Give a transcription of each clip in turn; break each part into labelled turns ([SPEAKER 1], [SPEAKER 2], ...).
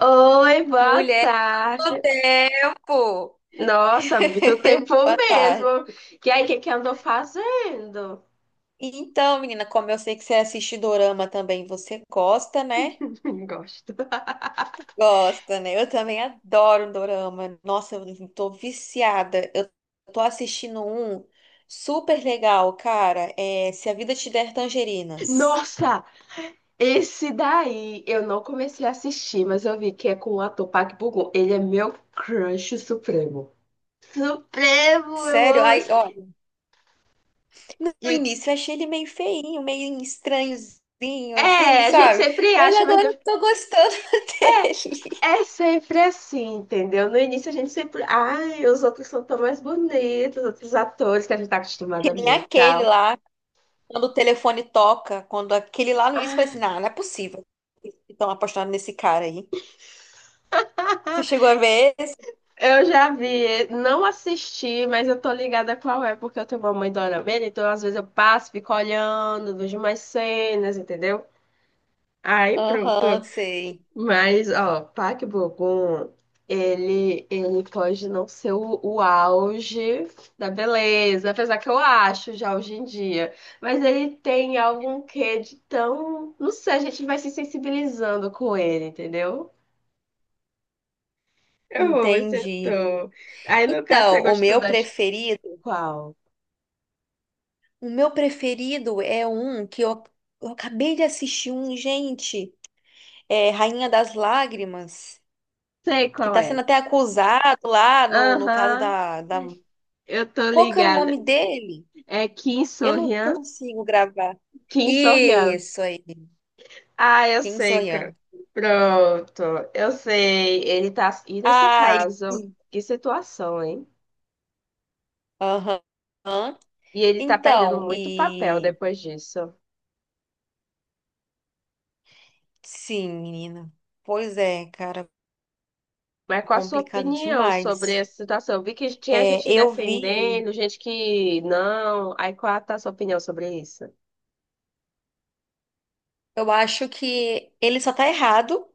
[SPEAKER 1] Oi, boa
[SPEAKER 2] Mulher do
[SPEAKER 1] tarde.
[SPEAKER 2] tempo!
[SPEAKER 1] Nossa, muito tempo
[SPEAKER 2] Boa
[SPEAKER 1] mesmo.
[SPEAKER 2] tarde.
[SPEAKER 1] E aí, o que que andou fazendo?
[SPEAKER 2] Então, menina, como eu sei que você assiste dorama também, você gosta, né?
[SPEAKER 1] Gosto.
[SPEAKER 2] Gosta, né? Eu também adoro um dorama. Nossa, eu tô viciada. Eu tô assistindo um super legal, cara. É Se a Vida Te Der Tangerinas.
[SPEAKER 1] Nossa, esse daí eu não comecei a assistir, mas eu vi que é com o ator Park Bo-gum. Ele é meu crush supremo. Supremo, eu
[SPEAKER 2] Sério?
[SPEAKER 1] amo
[SPEAKER 2] Ai, ó,
[SPEAKER 1] esse.
[SPEAKER 2] no
[SPEAKER 1] E,
[SPEAKER 2] início eu achei ele meio feinho, meio estranhozinho, assim,
[SPEAKER 1] a gente
[SPEAKER 2] sabe?
[SPEAKER 1] sempre
[SPEAKER 2] Mas
[SPEAKER 1] acha,
[SPEAKER 2] agora
[SPEAKER 1] mas
[SPEAKER 2] eu tô gostando dele.
[SPEAKER 1] é sempre assim, entendeu? No início a gente sempre. Ai, os outros são tão mais bonitos, os outros atores que a gente tá acostumada
[SPEAKER 2] Que
[SPEAKER 1] a
[SPEAKER 2] nem
[SPEAKER 1] ver e
[SPEAKER 2] aquele
[SPEAKER 1] tal.
[SPEAKER 2] lá. Quando o telefone toca, quando aquele lá no início foi
[SPEAKER 1] Ah,
[SPEAKER 2] assim, não, não é possível. Estão apostando nesse cara aí. Você chegou a ver esse?
[SPEAKER 1] eu já vi, não assisti, mas eu tô ligada qual é, porque eu tenho uma mãe dorameira, então às vezes eu passo, fico olhando, vejo umas cenas, entendeu? Aí pronto.
[SPEAKER 2] Aham, sei.
[SPEAKER 1] Mas, ó, Park Bo-gum, ele pode não ser o auge da beleza, apesar que eu acho já hoje em dia, mas ele tem algum quê de tão, não sei, a gente vai se sensibilizando com ele, entendeu? Eu amo esse
[SPEAKER 2] Entendi.
[SPEAKER 1] ator. Aí, no caso, você
[SPEAKER 2] Então, o
[SPEAKER 1] gostou
[SPEAKER 2] meu
[SPEAKER 1] da.
[SPEAKER 2] preferido,
[SPEAKER 1] Qual?
[SPEAKER 2] o meu preferido é um eu acabei de assistir um, gente, é Rainha das Lágrimas,
[SPEAKER 1] Sei
[SPEAKER 2] que
[SPEAKER 1] qual
[SPEAKER 2] tá
[SPEAKER 1] é.
[SPEAKER 2] sendo até acusado lá no caso
[SPEAKER 1] Aham,
[SPEAKER 2] da...
[SPEAKER 1] eu tô
[SPEAKER 2] Qual que era o
[SPEAKER 1] ligada.
[SPEAKER 2] nome dele?
[SPEAKER 1] É Kim
[SPEAKER 2] Eu não
[SPEAKER 1] Soo-hyun?
[SPEAKER 2] consigo gravar.
[SPEAKER 1] Kim Soo-hyun.
[SPEAKER 2] Isso aí,
[SPEAKER 1] Ah, eu
[SPEAKER 2] Kim
[SPEAKER 1] sei, cara.
[SPEAKER 2] Soyan.
[SPEAKER 1] Pronto, eu sei. Ele tá. E nesse
[SPEAKER 2] Ai,
[SPEAKER 1] caso, que situação, hein?
[SPEAKER 2] aham.
[SPEAKER 1] E ele tá perdendo
[SPEAKER 2] Então,
[SPEAKER 1] muito papel
[SPEAKER 2] e
[SPEAKER 1] depois disso.
[SPEAKER 2] sim, menina. Pois é, cara,
[SPEAKER 1] Mas qual a sua
[SPEAKER 2] complicado
[SPEAKER 1] opinião sobre
[SPEAKER 2] demais.
[SPEAKER 1] essa situação? Eu vi que tinha
[SPEAKER 2] É,
[SPEAKER 1] gente
[SPEAKER 2] eu vi,
[SPEAKER 1] defendendo, gente que não. Aí qual tá a sua opinião sobre isso?
[SPEAKER 2] eu acho que ele só tá errado,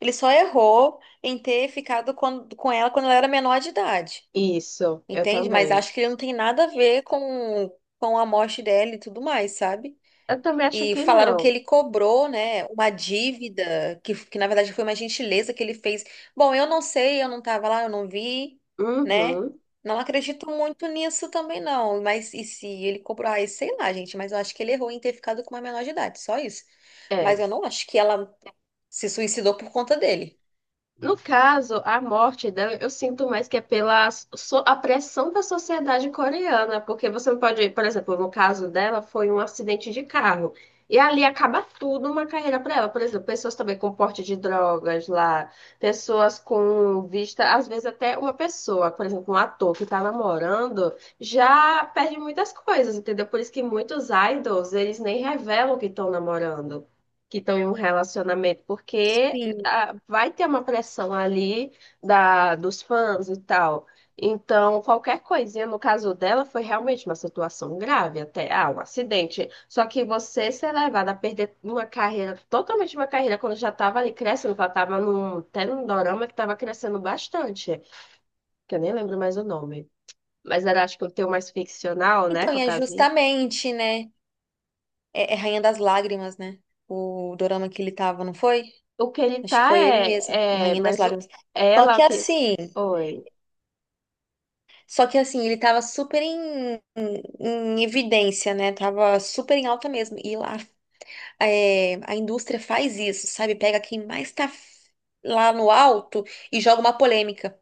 [SPEAKER 2] ele só errou em ter ficado com ela quando ela era menor de idade,
[SPEAKER 1] Isso, eu
[SPEAKER 2] entende? Mas
[SPEAKER 1] também.
[SPEAKER 2] acho que ele não tem nada a ver com a morte dela e tudo mais, sabe?
[SPEAKER 1] Eu também acho
[SPEAKER 2] E
[SPEAKER 1] que
[SPEAKER 2] falaram que
[SPEAKER 1] não.
[SPEAKER 2] ele cobrou, né, uma dívida, que na verdade foi uma gentileza que ele fez. Bom, eu não sei, eu não estava lá, eu não vi, né?
[SPEAKER 1] Uhum.
[SPEAKER 2] Não acredito muito nisso também, não. Mas e se ele cobrou? Ah, sei lá, gente, mas eu acho que ele errou em ter ficado com uma menor de idade, só isso. Mas
[SPEAKER 1] É.
[SPEAKER 2] eu não acho que ela se suicidou por conta dele.
[SPEAKER 1] No caso, a morte dela, eu sinto mais que é a pressão da sociedade coreana, porque você não pode, por exemplo, no caso dela, foi um acidente de carro. E ali acaba tudo uma carreira para ela. Por exemplo, pessoas também com porte de drogas lá, pessoas com vista, às vezes até uma pessoa, por exemplo, um ator que está namorando, já perde muitas coisas, entendeu? Por isso que muitos idols, eles nem revelam que estão namorando, que estão em um relacionamento, porque
[SPEAKER 2] Sim.
[SPEAKER 1] ah, vai ter uma pressão ali da, dos fãs e tal. Então, qualquer coisinha, no caso dela, foi realmente uma situação grave, até ah, um acidente. Só que você ser levada a perder uma carreira, totalmente uma carreira, quando já estava ali crescendo, que ela estava num, até num dorama que estava crescendo bastante, que eu nem lembro mais o nome. Mas era, acho que o teu mais ficcional, né?
[SPEAKER 2] Então, e é
[SPEAKER 1] Fantasia.
[SPEAKER 2] justamente, né? É, é Rainha das Lágrimas, né? O dorama que ele tava, não foi?
[SPEAKER 1] O que ele
[SPEAKER 2] Acho que
[SPEAKER 1] tá
[SPEAKER 2] foi ele mesmo,
[SPEAKER 1] é
[SPEAKER 2] Rainha das
[SPEAKER 1] mas o,
[SPEAKER 2] Lágrimas. Só
[SPEAKER 1] ela,
[SPEAKER 2] que
[SPEAKER 1] o que.
[SPEAKER 2] assim.
[SPEAKER 1] Oi.
[SPEAKER 2] Só que assim, ele tava super em evidência, né? Tava super em alta mesmo. E lá é, a indústria faz isso, sabe? Pega quem mais tá f- lá no alto e joga uma polêmica,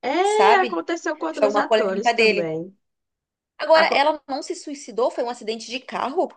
[SPEAKER 1] É,
[SPEAKER 2] sabe?
[SPEAKER 1] aconteceu com
[SPEAKER 2] Joga
[SPEAKER 1] outros
[SPEAKER 2] uma
[SPEAKER 1] atores
[SPEAKER 2] polêmica dele.
[SPEAKER 1] também.
[SPEAKER 2] Agora,
[SPEAKER 1] Aco-
[SPEAKER 2] ela não se suicidou? Foi um acidente de carro?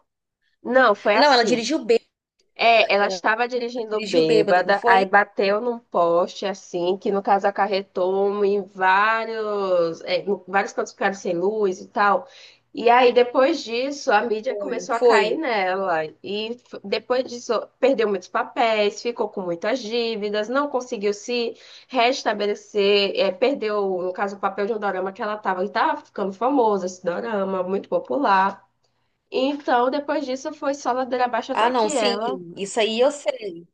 [SPEAKER 1] Não, foi
[SPEAKER 2] Não, ela
[SPEAKER 1] assim.
[SPEAKER 2] dirigiu bêbada.
[SPEAKER 1] É, ela
[SPEAKER 2] Ela
[SPEAKER 1] estava dirigindo
[SPEAKER 2] dirigiu bêbada, não
[SPEAKER 1] bêbada, aí
[SPEAKER 2] foi?
[SPEAKER 1] bateu num poste assim, que no caso acarretou em vários cantos ficaram sem luz e tal. E aí depois disso, a mídia
[SPEAKER 2] Foi,
[SPEAKER 1] começou a cair
[SPEAKER 2] foi.
[SPEAKER 1] nela e depois disso perdeu muitos papéis, ficou com muitas dívidas, não conseguiu se restabelecer, é, perdeu, no caso, o papel de um dorama que ela estava, e estava ficando famosa esse dorama, muito popular. Então, depois disso, foi só ladeira abaixo
[SPEAKER 2] Ah,
[SPEAKER 1] até
[SPEAKER 2] não,
[SPEAKER 1] que
[SPEAKER 2] sim.
[SPEAKER 1] ela.
[SPEAKER 2] Isso aí eu sei.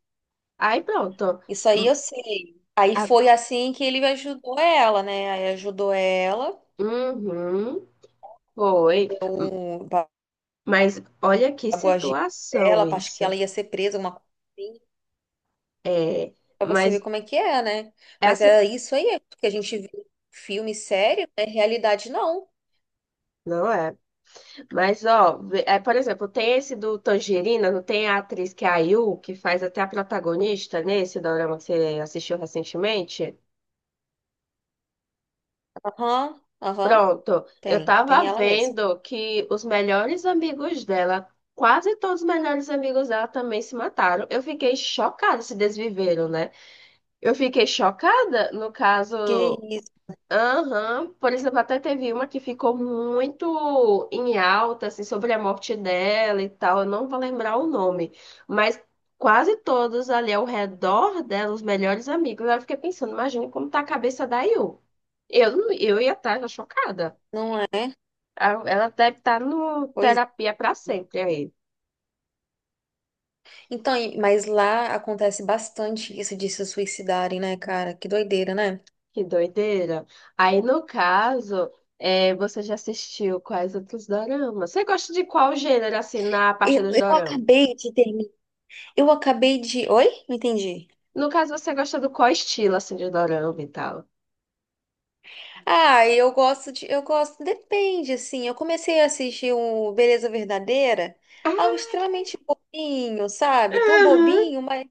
[SPEAKER 1] Aí pronto.
[SPEAKER 2] Isso aí
[SPEAKER 1] Hum.
[SPEAKER 2] eu sei. Aí
[SPEAKER 1] a-
[SPEAKER 2] foi assim que ele ajudou ela, né? Aí ajudou ela.
[SPEAKER 1] Uhum, foi. Hum,
[SPEAKER 2] Um,
[SPEAKER 1] Mas olha que
[SPEAKER 2] pagou a gíria
[SPEAKER 1] situação
[SPEAKER 2] dela, acho que
[SPEAKER 1] isso.
[SPEAKER 2] ela ia ser presa, uma coisa assim,
[SPEAKER 1] É,
[SPEAKER 2] pra você ver
[SPEAKER 1] mas
[SPEAKER 2] como é que é, né? Mas
[SPEAKER 1] essa
[SPEAKER 2] é isso aí, é porque a gente vê filme sério, é realidade não.
[SPEAKER 1] não é. Mas ó, por exemplo, tem esse do Tangerina, não tem a atriz que é a Yu, que faz até a protagonista nesse dorama que você assistiu recentemente?
[SPEAKER 2] Aham, aham,
[SPEAKER 1] Pronto, eu
[SPEAKER 2] tem, tem
[SPEAKER 1] tava
[SPEAKER 2] ela mesmo.
[SPEAKER 1] vendo que os melhores amigos dela, quase todos os melhores amigos dela também se mataram. Eu fiquei chocada, se desviveram, né? Eu fiquei chocada, no
[SPEAKER 2] Que
[SPEAKER 1] caso,
[SPEAKER 2] isso,
[SPEAKER 1] aham, por exemplo, até teve uma que ficou muito em alta, assim, sobre a morte dela e tal, eu não vou lembrar o nome, mas quase todos ali ao redor dela, os melhores amigos, eu fiquei pensando, imagina como tá a cabeça da Yu. Eu, não- eu ia estar chocada.
[SPEAKER 2] não é?
[SPEAKER 1] Ela deve estar no
[SPEAKER 2] Pois, é.
[SPEAKER 1] terapia pra sempre aí.
[SPEAKER 2] Então, e- mas lá acontece bastante isso de se suicidarem, né, cara? Que doideira, né?
[SPEAKER 1] Que doideira. Aí, no caso, você já assistiu quais outros doramas? Você gosta de qual gênero, assim, na parte dos
[SPEAKER 2] Eu
[SPEAKER 1] doramas?
[SPEAKER 2] acabei de terminar. Eu acabei de. Oi? Não entendi.
[SPEAKER 1] No caso, você gosta do qual estilo, assim, de dorama e tal?
[SPEAKER 2] Ah, eu gosto de, eu gosto, depende, assim. Eu comecei a assistir o Beleza Verdadeira, algo extremamente bobinho, sabe? Tão
[SPEAKER 1] Aham,
[SPEAKER 2] bobinho, mas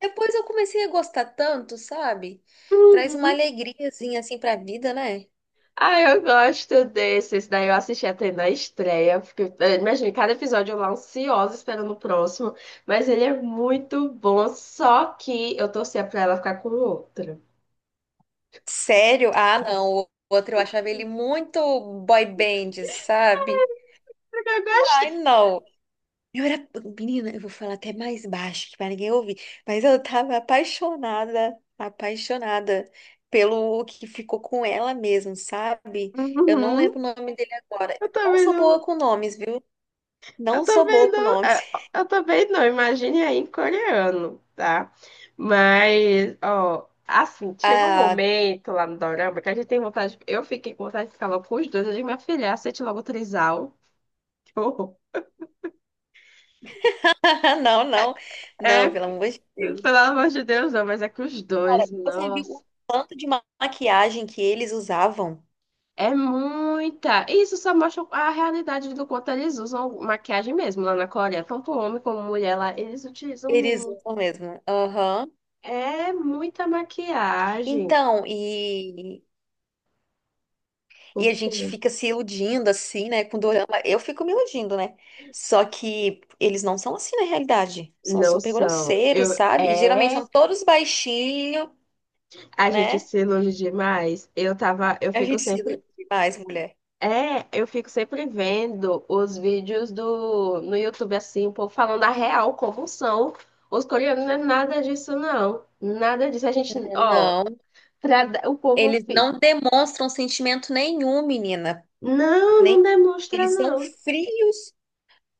[SPEAKER 2] depois eu comecei a gostar tanto, sabe? Traz uma
[SPEAKER 1] uhum.
[SPEAKER 2] alegriazinha assim pra vida, né?
[SPEAKER 1] Ah, eu gosto desses. Daí eu assisti até na estreia. Fiquei. Imagina, cada episódio eu lá ansiosa esperando o próximo. Mas ele é muito bom. Só que eu torcia pra ela ficar com outra.
[SPEAKER 2] Sério? Ah, não. O outro eu achava ele muito boy band, sabe?
[SPEAKER 1] Porque eu gosto.
[SPEAKER 2] Ai, não. Eu era. Menina, eu vou falar até mais baixo que pra ninguém ouvir, mas eu tava apaixonada, apaixonada pelo que ficou com ela mesmo, sabe? Eu não
[SPEAKER 1] Uhum.
[SPEAKER 2] lembro o nome dele agora.
[SPEAKER 1] Eu
[SPEAKER 2] Eu não
[SPEAKER 1] também
[SPEAKER 2] sou boa
[SPEAKER 1] não.
[SPEAKER 2] com nomes, viu?
[SPEAKER 1] Eu
[SPEAKER 2] Não sou
[SPEAKER 1] também
[SPEAKER 2] boa com
[SPEAKER 1] não,
[SPEAKER 2] nomes.
[SPEAKER 1] é, eu também não, imagine aí em coreano, tá? Mas, ó, assim, chegou um
[SPEAKER 2] Ah,
[SPEAKER 1] momento lá no dorama que a gente tem vontade, eu fiquei com vontade de ficar logo com os dois, eu digo, minha filha, aceite logo o trisal. Que horror.
[SPEAKER 2] não, não,
[SPEAKER 1] É,
[SPEAKER 2] não, pelo amor de
[SPEAKER 1] pelo
[SPEAKER 2] Deus.
[SPEAKER 1] amor de Deus, não, mas é que os
[SPEAKER 2] Cara,
[SPEAKER 1] dois,
[SPEAKER 2] você viu
[SPEAKER 1] nossa,
[SPEAKER 2] o tanto de ma- maquiagem que eles usavam?
[SPEAKER 1] é muita. E isso só mostra a realidade do quanto eles usam maquiagem mesmo lá na Coreia, tanto homem como mulher lá, eles utilizam
[SPEAKER 2] Eles
[SPEAKER 1] muito.
[SPEAKER 2] usam mesmo. Aham.
[SPEAKER 1] É muita maquiagem.
[SPEAKER 2] Então, e a gente
[SPEAKER 1] Porque
[SPEAKER 2] fica se iludindo assim, né, com dorama. Eu fico me iludindo, né? Só que eles não são assim na realidade. São
[SPEAKER 1] não
[SPEAKER 2] super
[SPEAKER 1] são.
[SPEAKER 2] grosseiros, sabe? E geralmente são todos baixinhos,
[SPEAKER 1] A gente
[SPEAKER 2] né?
[SPEAKER 1] se ilude demais. Eu tava, eu
[SPEAKER 2] A
[SPEAKER 1] fico
[SPEAKER 2] gente se
[SPEAKER 1] sempre
[SPEAKER 2] ilude demais, mulher.
[SPEAKER 1] é, eu fico sempre vendo os vídeos do no YouTube assim, o povo falando a real como são. Os coreanos não é nada disso não. Nada disso. A gente,
[SPEAKER 2] É,
[SPEAKER 1] ó,
[SPEAKER 2] não,
[SPEAKER 1] o povo
[SPEAKER 2] eles
[SPEAKER 1] fica.
[SPEAKER 2] não demonstram sentimento nenhum, menina.
[SPEAKER 1] Não, não
[SPEAKER 2] Nem
[SPEAKER 1] demonstra
[SPEAKER 2] eles são
[SPEAKER 1] não.
[SPEAKER 2] frios.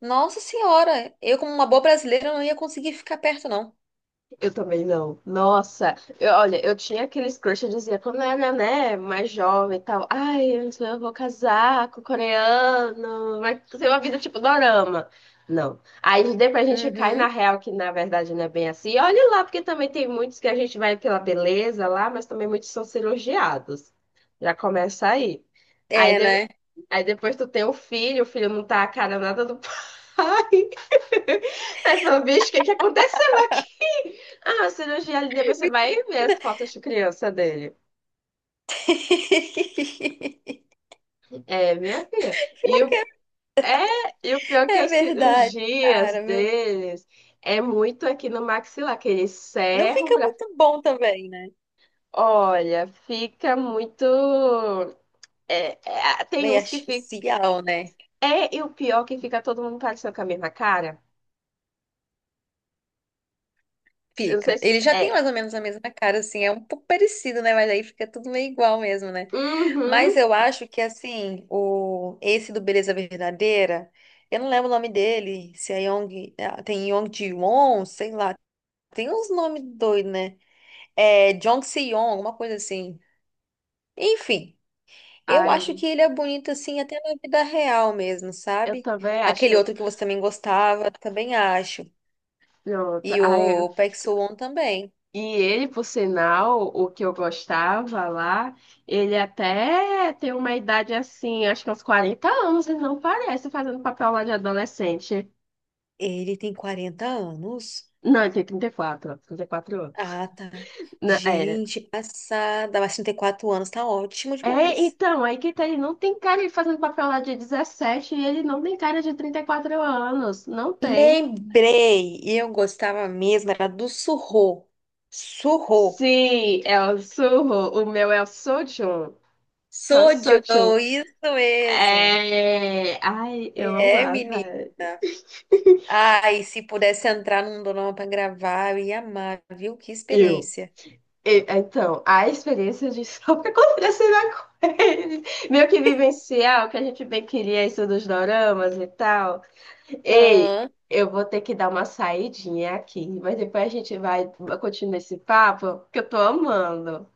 [SPEAKER 2] Nossa Senhora, eu como uma boa brasileira não ia conseguir ficar perto, não.
[SPEAKER 1] Eu também não. Nossa, olha, eu tinha aqueles crush, eu dizia, quando eu era, né, mais jovem e tal, ai, antes eu vou casar com o coreano, vai ser uma vida tipo dorama. Não. Aí depois a gente cai na
[SPEAKER 2] Uhum.
[SPEAKER 1] real, que na verdade não é bem assim. E olha lá, porque também tem muitos que a gente vai pela beleza lá, mas também muitos são cirurgiados. Já começa aí. Aí
[SPEAKER 2] É,
[SPEAKER 1] de-
[SPEAKER 2] né?
[SPEAKER 1] Aí depois tu tem o filho não tá a cara nada do pai. Aí fala, bicho, o que que aconteceu aqui? Ah, a cirurgia ali, depois você vai ver
[SPEAKER 2] Menina.
[SPEAKER 1] as fotos de criança dele. É, minha filha.
[SPEAKER 2] Pior
[SPEAKER 1] E o,
[SPEAKER 2] que
[SPEAKER 1] e o pior é que
[SPEAKER 2] é
[SPEAKER 1] as
[SPEAKER 2] verdade,
[SPEAKER 1] cirurgias
[SPEAKER 2] cara, meu.
[SPEAKER 1] deles é muito aqui no maxilar, que eles
[SPEAKER 2] Não
[SPEAKER 1] serram
[SPEAKER 2] fica
[SPEAKER 1] pra.
[SPEAKER 2] muito bom também, né?
[SPEAKER 1] Olha, fica muito. É, é, tem
[SPEAKER 2] Meio
[SPEAKER 1] uns que ficam.
[SPEAKER 2] artificial, né?
[SPEAKER 1] É, e o pior é que fica todo mundo parecendo com a mesma cara. Eu não sei
[SPEAKER 2] Fica.
[SPEAKER 1] se.
[SPEAKER 2] Ele já tem
[SPEAKER 1] É.
[SPEAKER 2] mais ou menos a mesma cara, assim, é um pouco parecido, né? Mas aí fica tudo meio igual mesmo, né? Mas
[SPEAKER 1] Uhum.
[SPEAKER 2] eu acho que, assim, o esse do Beleza Verdadeira, eu não lembro o nome dele, se é Yong, ah, tem Yong Ji-won, sei lá. Tem uns nomes doidos, né? É Jong Se-yong, alguma coisa assim. Enfim. Eu acho
[SPEAKER 1] Ai,
[SPEAKER 2] que ele é bonito assim até na vida real mesmo,
[SPEAKER 1] eu
[SPEAKER 2] sabe?
[SPEAKER 1] também acho.
[SPEAKER 2] Aquele outro que você também gostava, também acho.
[SPEAKER 1] Pronto.
[SPEAKER 2] E
[SPEAKER 1] Ai,
[SPEAKER 2] o Park Soo-won também.
[SPEAKER 1] e ele, por sinal, o que eu gostava lá, ele até tem uma idade assim, acho que uns 40 anos, ele não parece fazendo papel lá de adolescente.
[SPEAKER 2] Ele tem 40 anos.
[SPEAKER 1] Não, ele tem 34, quatro 34 anos.
[SPEAKER 2] Ah, tá.
[SPEAKER 1] É,
[SPEAKER 2] Gente, passada. Mas 34 anos tá ótimo
[SPEAKER 1] é,
[SPEAKER 2] demais.
[SPEAKER 1] então, aí que tá, ele não tem cara de fazendo papel lá de 17 e ele não tem cara de 34 anos. Não tem.
[SPEAKER 2] Lembrei. E eu gostava mesmo, era do Surro. Surro.
[SPEAKER 1] Sim, é o Surro. O meu é o Sojun. É o Sojun.
[SPEAKER 2] Sojo, isso mesmo.
[SPEAKER 1] É. Ai, eu
[SPEAKER 2] É,
[SPEAKER 1] amava.
[SPEAKER 2] menino. Ai, se pudesse entrar num dorama pra gravar, eu ia amar, viu? Que
[SPEAKER 1] Eu.
[SPEAKER 2] experiência.
[SPEAKER 1] Então, a experiência de só o que acontece na coisa. Meio que vivenciar o que a gente bem queria, isso dos doramas e tal. Ei,
[SPEAKER 2] Aham,
[SPEAKER 1] eu vou ter que dar uma saidinha aqui, mas depois a gente vai continuar esse papo, que eu tô amando.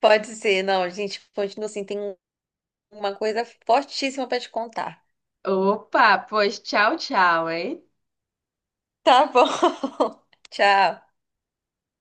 [SPEAKER 2] pode ser. Não, gente, continua assim. Tem uma coisa fortíssima pra te contar.
[SPEAKER 1] Opa, pois tchau, tchau, hein?
[SPEAKER 2] Tá bom. Tchau.